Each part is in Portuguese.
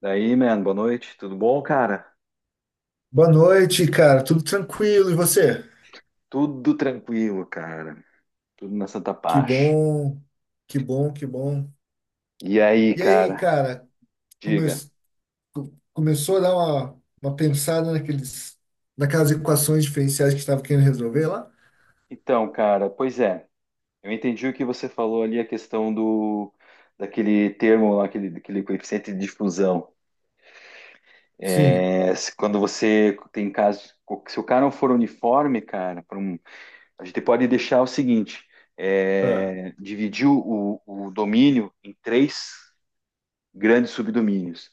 Daí, man, boa noite. Tudo bom, cara? Boa noite, cara. Tudo tranquilo? E você? Tudo tranquilo, cara. Tudo na Santa Que Paz. bom, que bom, que bom. E aí, E aí, cara? cara, come- Diga. Começou a dar uma pensada naquelas equações diferenciais que estava querendo resolver lá? Então, cara, pois é. Eu entendi o que você falou ali, a questão do daquele termo lá, aquele, daquele coeficiente de difusão. Sim. Quando você tem caso, se o cara não for uniforme, cara, a gente pode deixar o seguinte: Ah, dividir o domínio em três grandes subdomínios.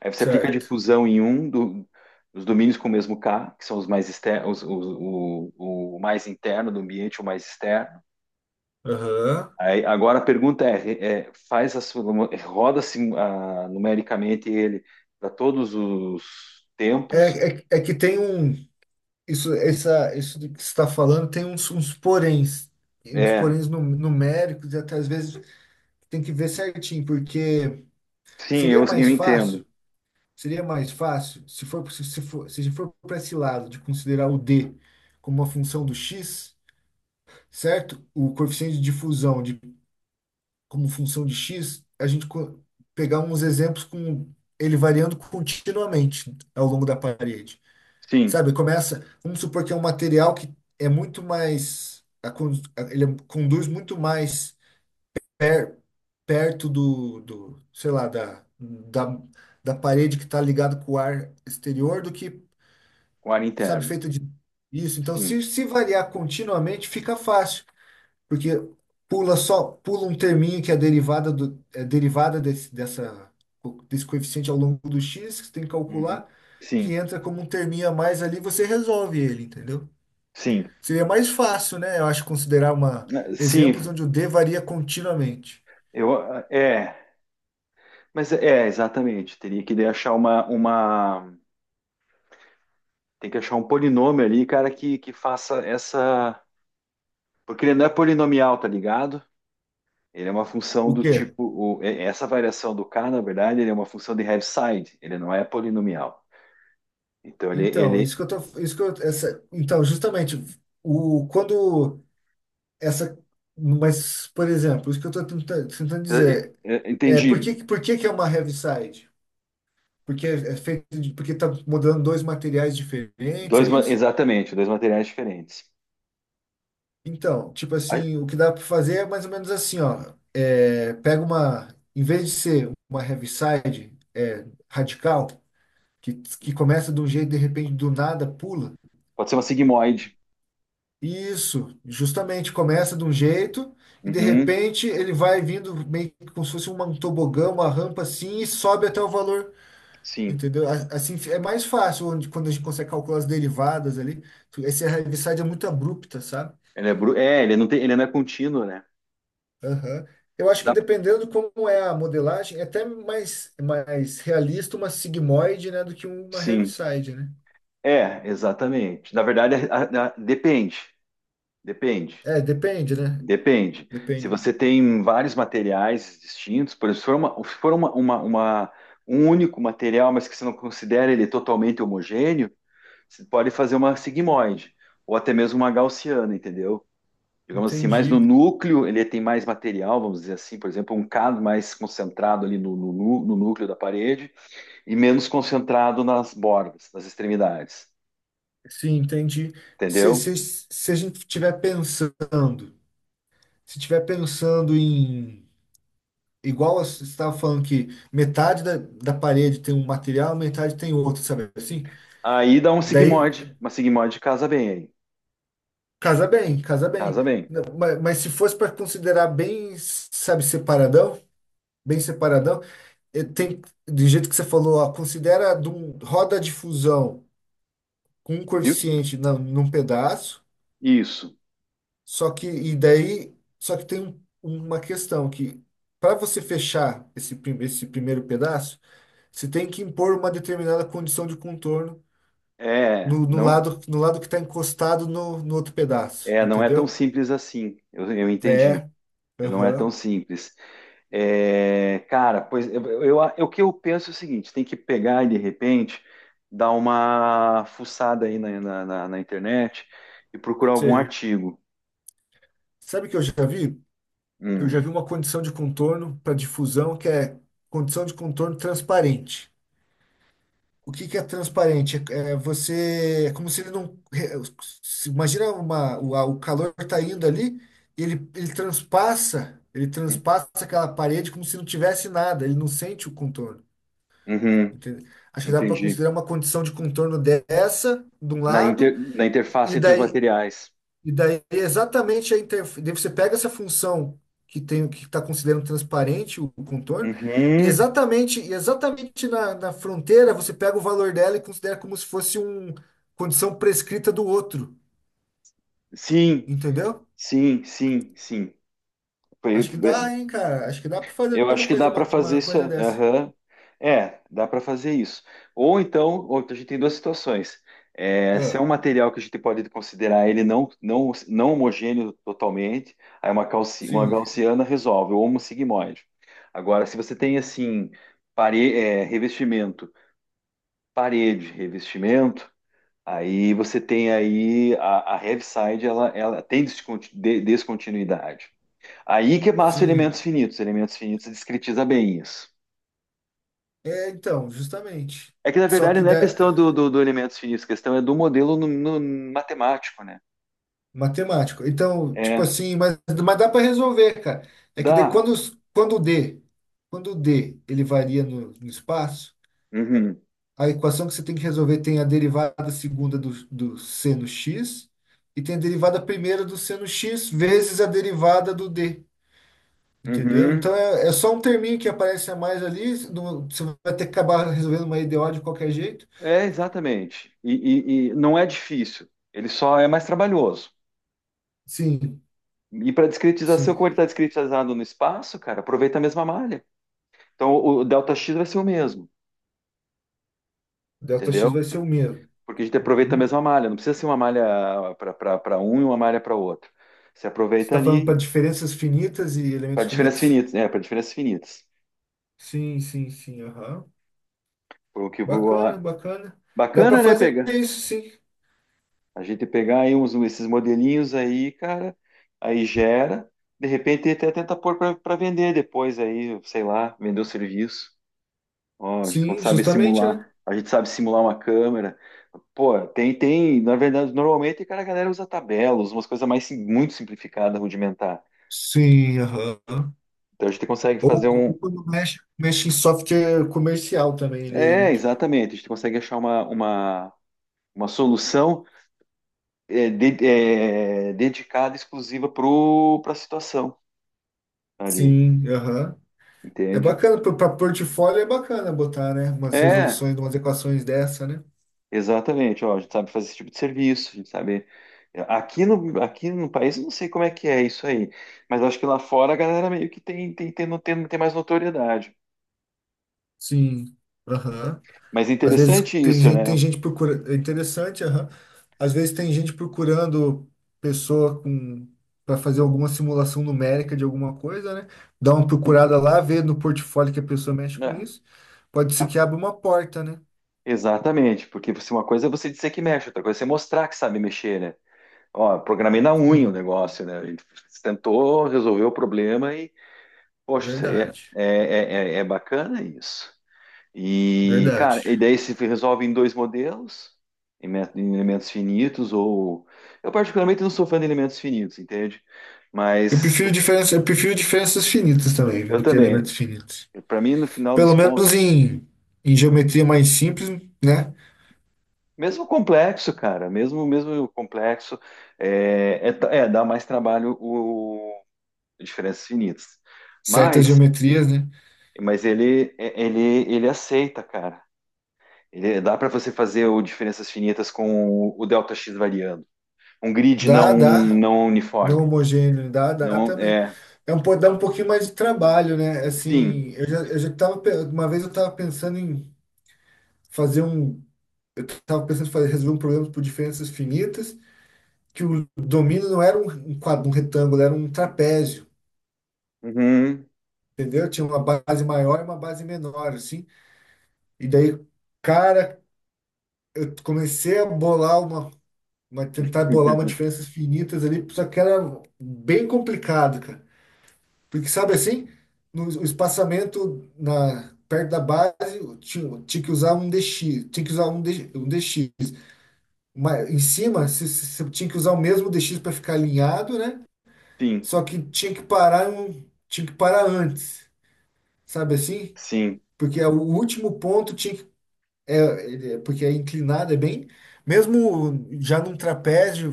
Aí você aplica a certo. difusão Dos domínios com o mesmo K, que são os mais externos, o mais interno do ambiente, o mais externo. Aham. Aí, agora a pergunta é, roda-se numericamente ele para todos os tempos? É, é que tem um. Isso do que você está falando tem uns É, poréns numéricos, e até às vezes tem que ver certinho, porque sim, seria eu mais entendo. fácil. Seria mais fácil se for para esse lado de considerar o d como uma função do x, certo? O coeficiente de difusão de, como função de x, pegar uns exemplos com ele variando continuamente ao longo da parede. Sim, Sabe, começa, vamos supor que é um material que é muito mais, a con- a- ele é- conduz muito mais per- perto do sei lá, da parede que está ligado com o ar exterior do que com ar sabe, interno. feito de isso. Então, Sim. Se variar continuamente, fica fácil, porque pula só, pula um terminho que é derivada do, é desse coeficiente ao longo do x, que você tem que Uhum. calcular, Sim, que entra como um terminho a mais ali, você resolve ele, entendeu? sim. Seria mais fácil, né? Eu acho considerar uma Eh, exemplos sim, onde o d varia continuamente. eu, é, mas é, exatamente, teria que daí achar tem que achar um polinômio ali, cara, que faça essa. Porque ele não é polinomial, tá ligado? Ele é uma função O do quê? tipo. Essa variação do K, na verdade, ele é uma função de Heaviside. Ele não é polinomial. Então, Então, isso que eu tô, isso que eu, essa, então, justamente o quando essa, mas, por exemplo, isso que eu estou tentando é- dizer, é, entendi. Por que que é uma heavy side. Porque é feito de, porque tá mudando dois materiais diferentes, é Dois, isso? exatamente, dois materiais diferentes. Então, tipo Ah, assim, o que dá para fazer é mais ou menos assim, ó, é, pega uma, em vez de ser uma heaviside é, radical, que começa de um jeito, de repente, do nada, pula. pode ser uma sigmoide. Isso, justamente começa de um jeito e de Uhum, repente ele vai vindo meio que como se fosse um tobogã, uma rampa assim e sobe até o valor, sim. entendeu? Assim é mais fácil onde, quando a gente consegue calcular as derivadas ali. Essa heaviside é muito abrupta, sabe? Ele é, ele não tem... Ele não é contínuo, né? Aham. Eu acho que Dá- dependendo de como é a modelagem, é até mais, mais realista uma sigmoide, né, do que uma Sim. heaviside, né? É, exatamente. Na verdade, depende. Depende. É, depende, né? Depende. Se Depende. você tem vários materiais distintos, por exemplo, se for, uma, se for uma- um único material, mas que você não considera ele totalmente homogêneo, você pode fazer uma sigmoide, ou até mesmo uma gaussiana, entendeu? Digamos assim, mas no Entendi. núcleo ele tem mais material, vamos dizer assim, por exemplo, um cado mais concentrado ali no núcleo da parede e menos concentrado nas bordas, nas extremidades, Sim, entendi. Entendeu? Se a gente estiver pensando, se estiver pensando em, igual você estava falando que metade da parede tem um material, metade tem outro, sabe assim? Aí dá Daí uma sigmoide casa bem aí, casa bem, casa bem. casa bem. Não, mas se fosse para considerar bem, sabe, separadão, bem separadão, eh, tem, do jeito que você falou, ó, roda de fusão com um Viu? coeficiente num pedaço. Isso. Só que, e daí, só que tem uma questão que, para você fechar esse, esse primeiro pedaço, você tem que impor uma determinada condição de contorno É, no não lado, no lado que está encostado no outro pedaço, é, não é tão entendeu? simples assim. Eu entendi. É, Eu não é tão aham, simples. É, cara, pois eu- o que eu penso é o seguinte: tem que pegar e de repente dar uma fuçada aí na internet e procurar algum sei. artigo. Sabe o que eu já vi? Eu Hum, já vi uma condição de contorno para difusão que é condição de contorno transparente. O que que é transparente? É você, é como se ele não, é, imagina o calor está indo ali, ele hum, transpassa aquela parede como se não tivesse nada, ele não sente o contorno. uhum, Entende? Acho que dá para entendi. considerar uma condição de contorno dessa, de um Na, lado, na e interface entre os daí materiais. e daí é exatamente a interface. Você pega essa função que tem que está considerando transparente o contorno, Uhum, e exatamente na fronteira você pega o valor dela e considera como se fosse uma condição prescrita do outro. sim, Entendeu? sim, sim, sim. Acho que dá, hein, cara? Acho que dá para fazer Eu acho uma que coisa, dá para fazer uma isso. coisa dessa. Aham. É, dá para fazer isso. Ou então, ou, a gente tem duas situações. É, se é Ah, um material que a gente pode considerar ele não homogêneo totalmente, aí uma sim, gaussiana resolve, ou um sigmoide. Agora, se você tem assim, revestimento, parede, revestimento, aí você tem aí a heavy side, ela tem descontinuidade. Aí que massa elementos sim. finitos. Elementos finitos discretiza bem isso. É, então, justamente. É que na Só verdade que não é dá, questão do elementos finitos, a questão é do modelo no matemático, né? matemático. Então, tipo É, assim, mas dá para resolver, cara. É que de, dá. quando, quando o D ele varia no espaço, Uhum, a equação que você tem que resolver tem a derivada segunda do C no x e tem a derivada primeira do C no x vezes a derivada do D. Entendeu? uhum. Então é, é só um terminho que aparece a mais ali. Você vai ter que acabar resolvendo uma EDO de qualquer jeito. É, exatamente. E não é difícil, ele só é mais trabalhoso. Sim, E para discretização, sim. como ele está discretizado no espaço, cara, aproveita a mesma malha. Então o delta x vai ser o mesmo, Delta x entendeu? vai ser o mesmo. Porque a gente aproveita a Uhum. mesma malha, não precisa ser uma malha para um e uma malha para outro. Você Você aproveita está falando ali para diferenças finitas e elementos para diferenças finitos? finitas, né? Para diferenças finitas. Sim, sim, sim. Aham. O que o- Bacana, a- bacana. Dá para Bacana, né, fazer pegar? isso, sim. A gente pegar aí uns, esses modelinhos aí, cara, aí gera, de repente até tenta pôr para vender depois aí, sei lá, vender o serviço. Ó, a gente Sim, sabe justamente, né? simular, a gente sabe simular uma câmera. Pô, tem, na verdade, normalmente, cara, a galera usa tabelas, umas coisas mais muito simplificadas, rudimentar. Sim, aham. Então a gente consegue fazer um. Ou quando mexe, mexe em software comercial também, daí, É, né? exatamente, a gente consegue achar uma solução é, dedicada, exclusiva para a situação ali, Sim, aham. É entende? bacana, para portfólio é bacana botar, né? Umas É, resoluções, umas equações dessa, né? exatamente. Ó, a gente sabe fazer esse tipo de serviço, a gente sabe. Aqui aqui no país, eu não sei como é que é isso aí, mas acho que lá fora a galera meio que tem, tem, tem, no- tem, tem mais notoriedade. Sim, aham. Mas Às vezes interessante isso, né? tem gente procurando. É interessante, aham. Às vezes tem gente procurando pessoa com para fazer alguma simulação numérica de alguma coisa, né? Dá uma procurada lá, vê no portfólio que a pessoa mexe com É, isso. Pode ser que abra uma porta, né? exatamente, porque você, uma coisa é você dizer que mexe, outra coisa é você mostrar que sabe mexer, né? Ó, programei na unha o Sim, negócio, né? A gente tentou resolver o problema e, poxa, isso aí é, verdade. é, é, é é bacana isso. E, cara, Verdade. e daí se resolve em dois modelos, em elementos finitos, ou. Eu, particularmente, não sou fã de elementos finitos, entende? Eu Mas prefiro diferença, eu prefiro diferenças finitas também eu do que também. elementos finitos. Para mim, no final dos Pelo menos contos, em, em geometria mais simples, né? mesmo complexo, cara, mesmo mesmo complexo, é, dá mais trabalho o diferenças finitas. Certas Mas, geometrias, né? mas ele, ele, ele aceita, cara. Ele, dá para você fazer o diferenças finitas com o delta x variando. Um grid Dá, dá. não Não uniforme. homogêneo, dá, dá Não, também. é. Dá um pouquinho mais de trabalho, né? Sim. Assim, eu já tava, uma vez eu estava pensando em fazer um, tava pensando em fazer, resolver um problema por diferenças finitas, que o domínio não era um quadro, um retângulo, era um trapézio, Uhum. entendeu? Tinha uma base maior e uma base menor, assim. E daí, cara, eu comecei a bolar uma tentar bolar uma diferenças finitas ali, só que era bem complicado, cara. Porque sabe assim, no o espaçamento na perto da base, tinha que usar um DX, tinha que usar um DX. Mas em cima, você tinha que usar o mesmo DX para ficar alinhado, né? Sim, Só que tinha que parar, tinha que parar antes, sabe assim? sim. Porque é o último ponto tinha que, porque é inclinado, é bem, mesmo já num trapézio,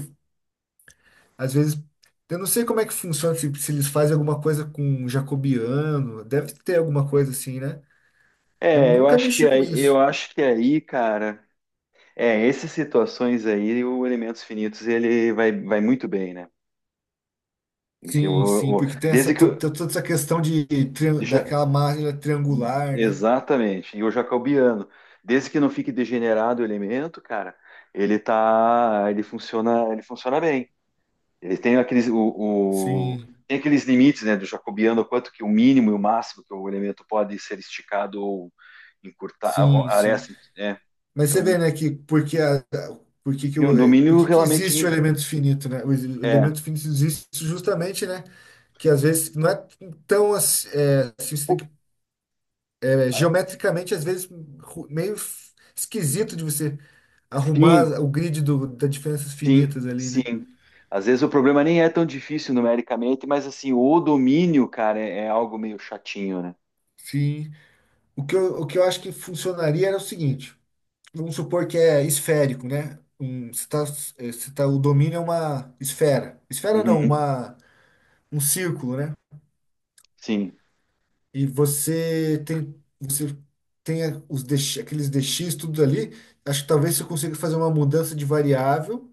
às vezes eu não sei como é que funciona, se eles fazem alguma coisa com um jacobiano, deve ter alguma coisa assim, né? Eu É, nunca mexi com isso. eu acho que aí, cara, é, essas situações aí, o Elementos Finitos, ele vai, vai muito bem, né? Porque Sim, sim, porque tem essa, toda essa questão de, já, daquela máquina triangular, né? exatamente, e o Jacobiano, desde que não fique degenerado o elemento, cara, ele funciona bem. Eles têm o- Sim, tem aqueles limites, né, do jacobiano, quanto que o mínimo e o máximo que o elemento pode ser esticado ou encurtar, ou sim, sim. aresta, né? Mas você vê, Então, né, porque que e o o, domínio porque que realmente existe o elemento finito, né? O é, elemento finito existe justamente, né? Que às vezes não é tão assim, é, assim, o- é, a- geometricamente, às vezes, esquisito de você sim, arrumar o grid do, das diferenças sim, finitas ali, né? sim. Às vezes o problema nem é tão difícil numericamente, mas assim, o domínio, cara, é, é algo meio chatinho, né? Sim. O que eu acho que funcionaria era o seguinte: vamos supor que é esférico, né? Se tá, o domínio é uma esfera. Esfera não, Uhum, uma, um círculo, né? sim, Você tem os DX, aqueles DX tudo ali. Acho que talvez você consiga fazer uma mudança de variável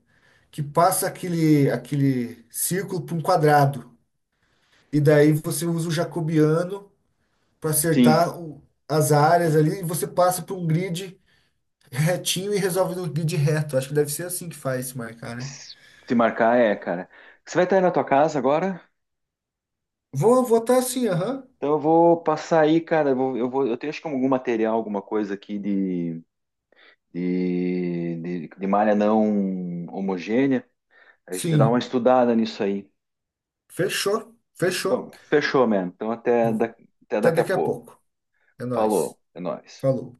que passa aquele, aquele círculo para um quadrado. E daí você usa o jacobiano para sim. acertar as áreas ali e você passa para um grid retinho e resolve no grid reto. Acho que deve ser assim que faz se marcar, né? Se marcar é, cara. Você vai estar aí na tua casa agora? Vou votar assim, aham. Então eu vou passar aí, cara. Eu vou- eu tenho acho que algum material, alguma coisa aqui de, de malha não homogênea. A gente dá uma Sim. estudada nisso aí. Fechou. Fechou. Então, fechou, mano. Então até Até daqui a daqui a pouco. pouco. É nóis. Falou, é nóis. Falou.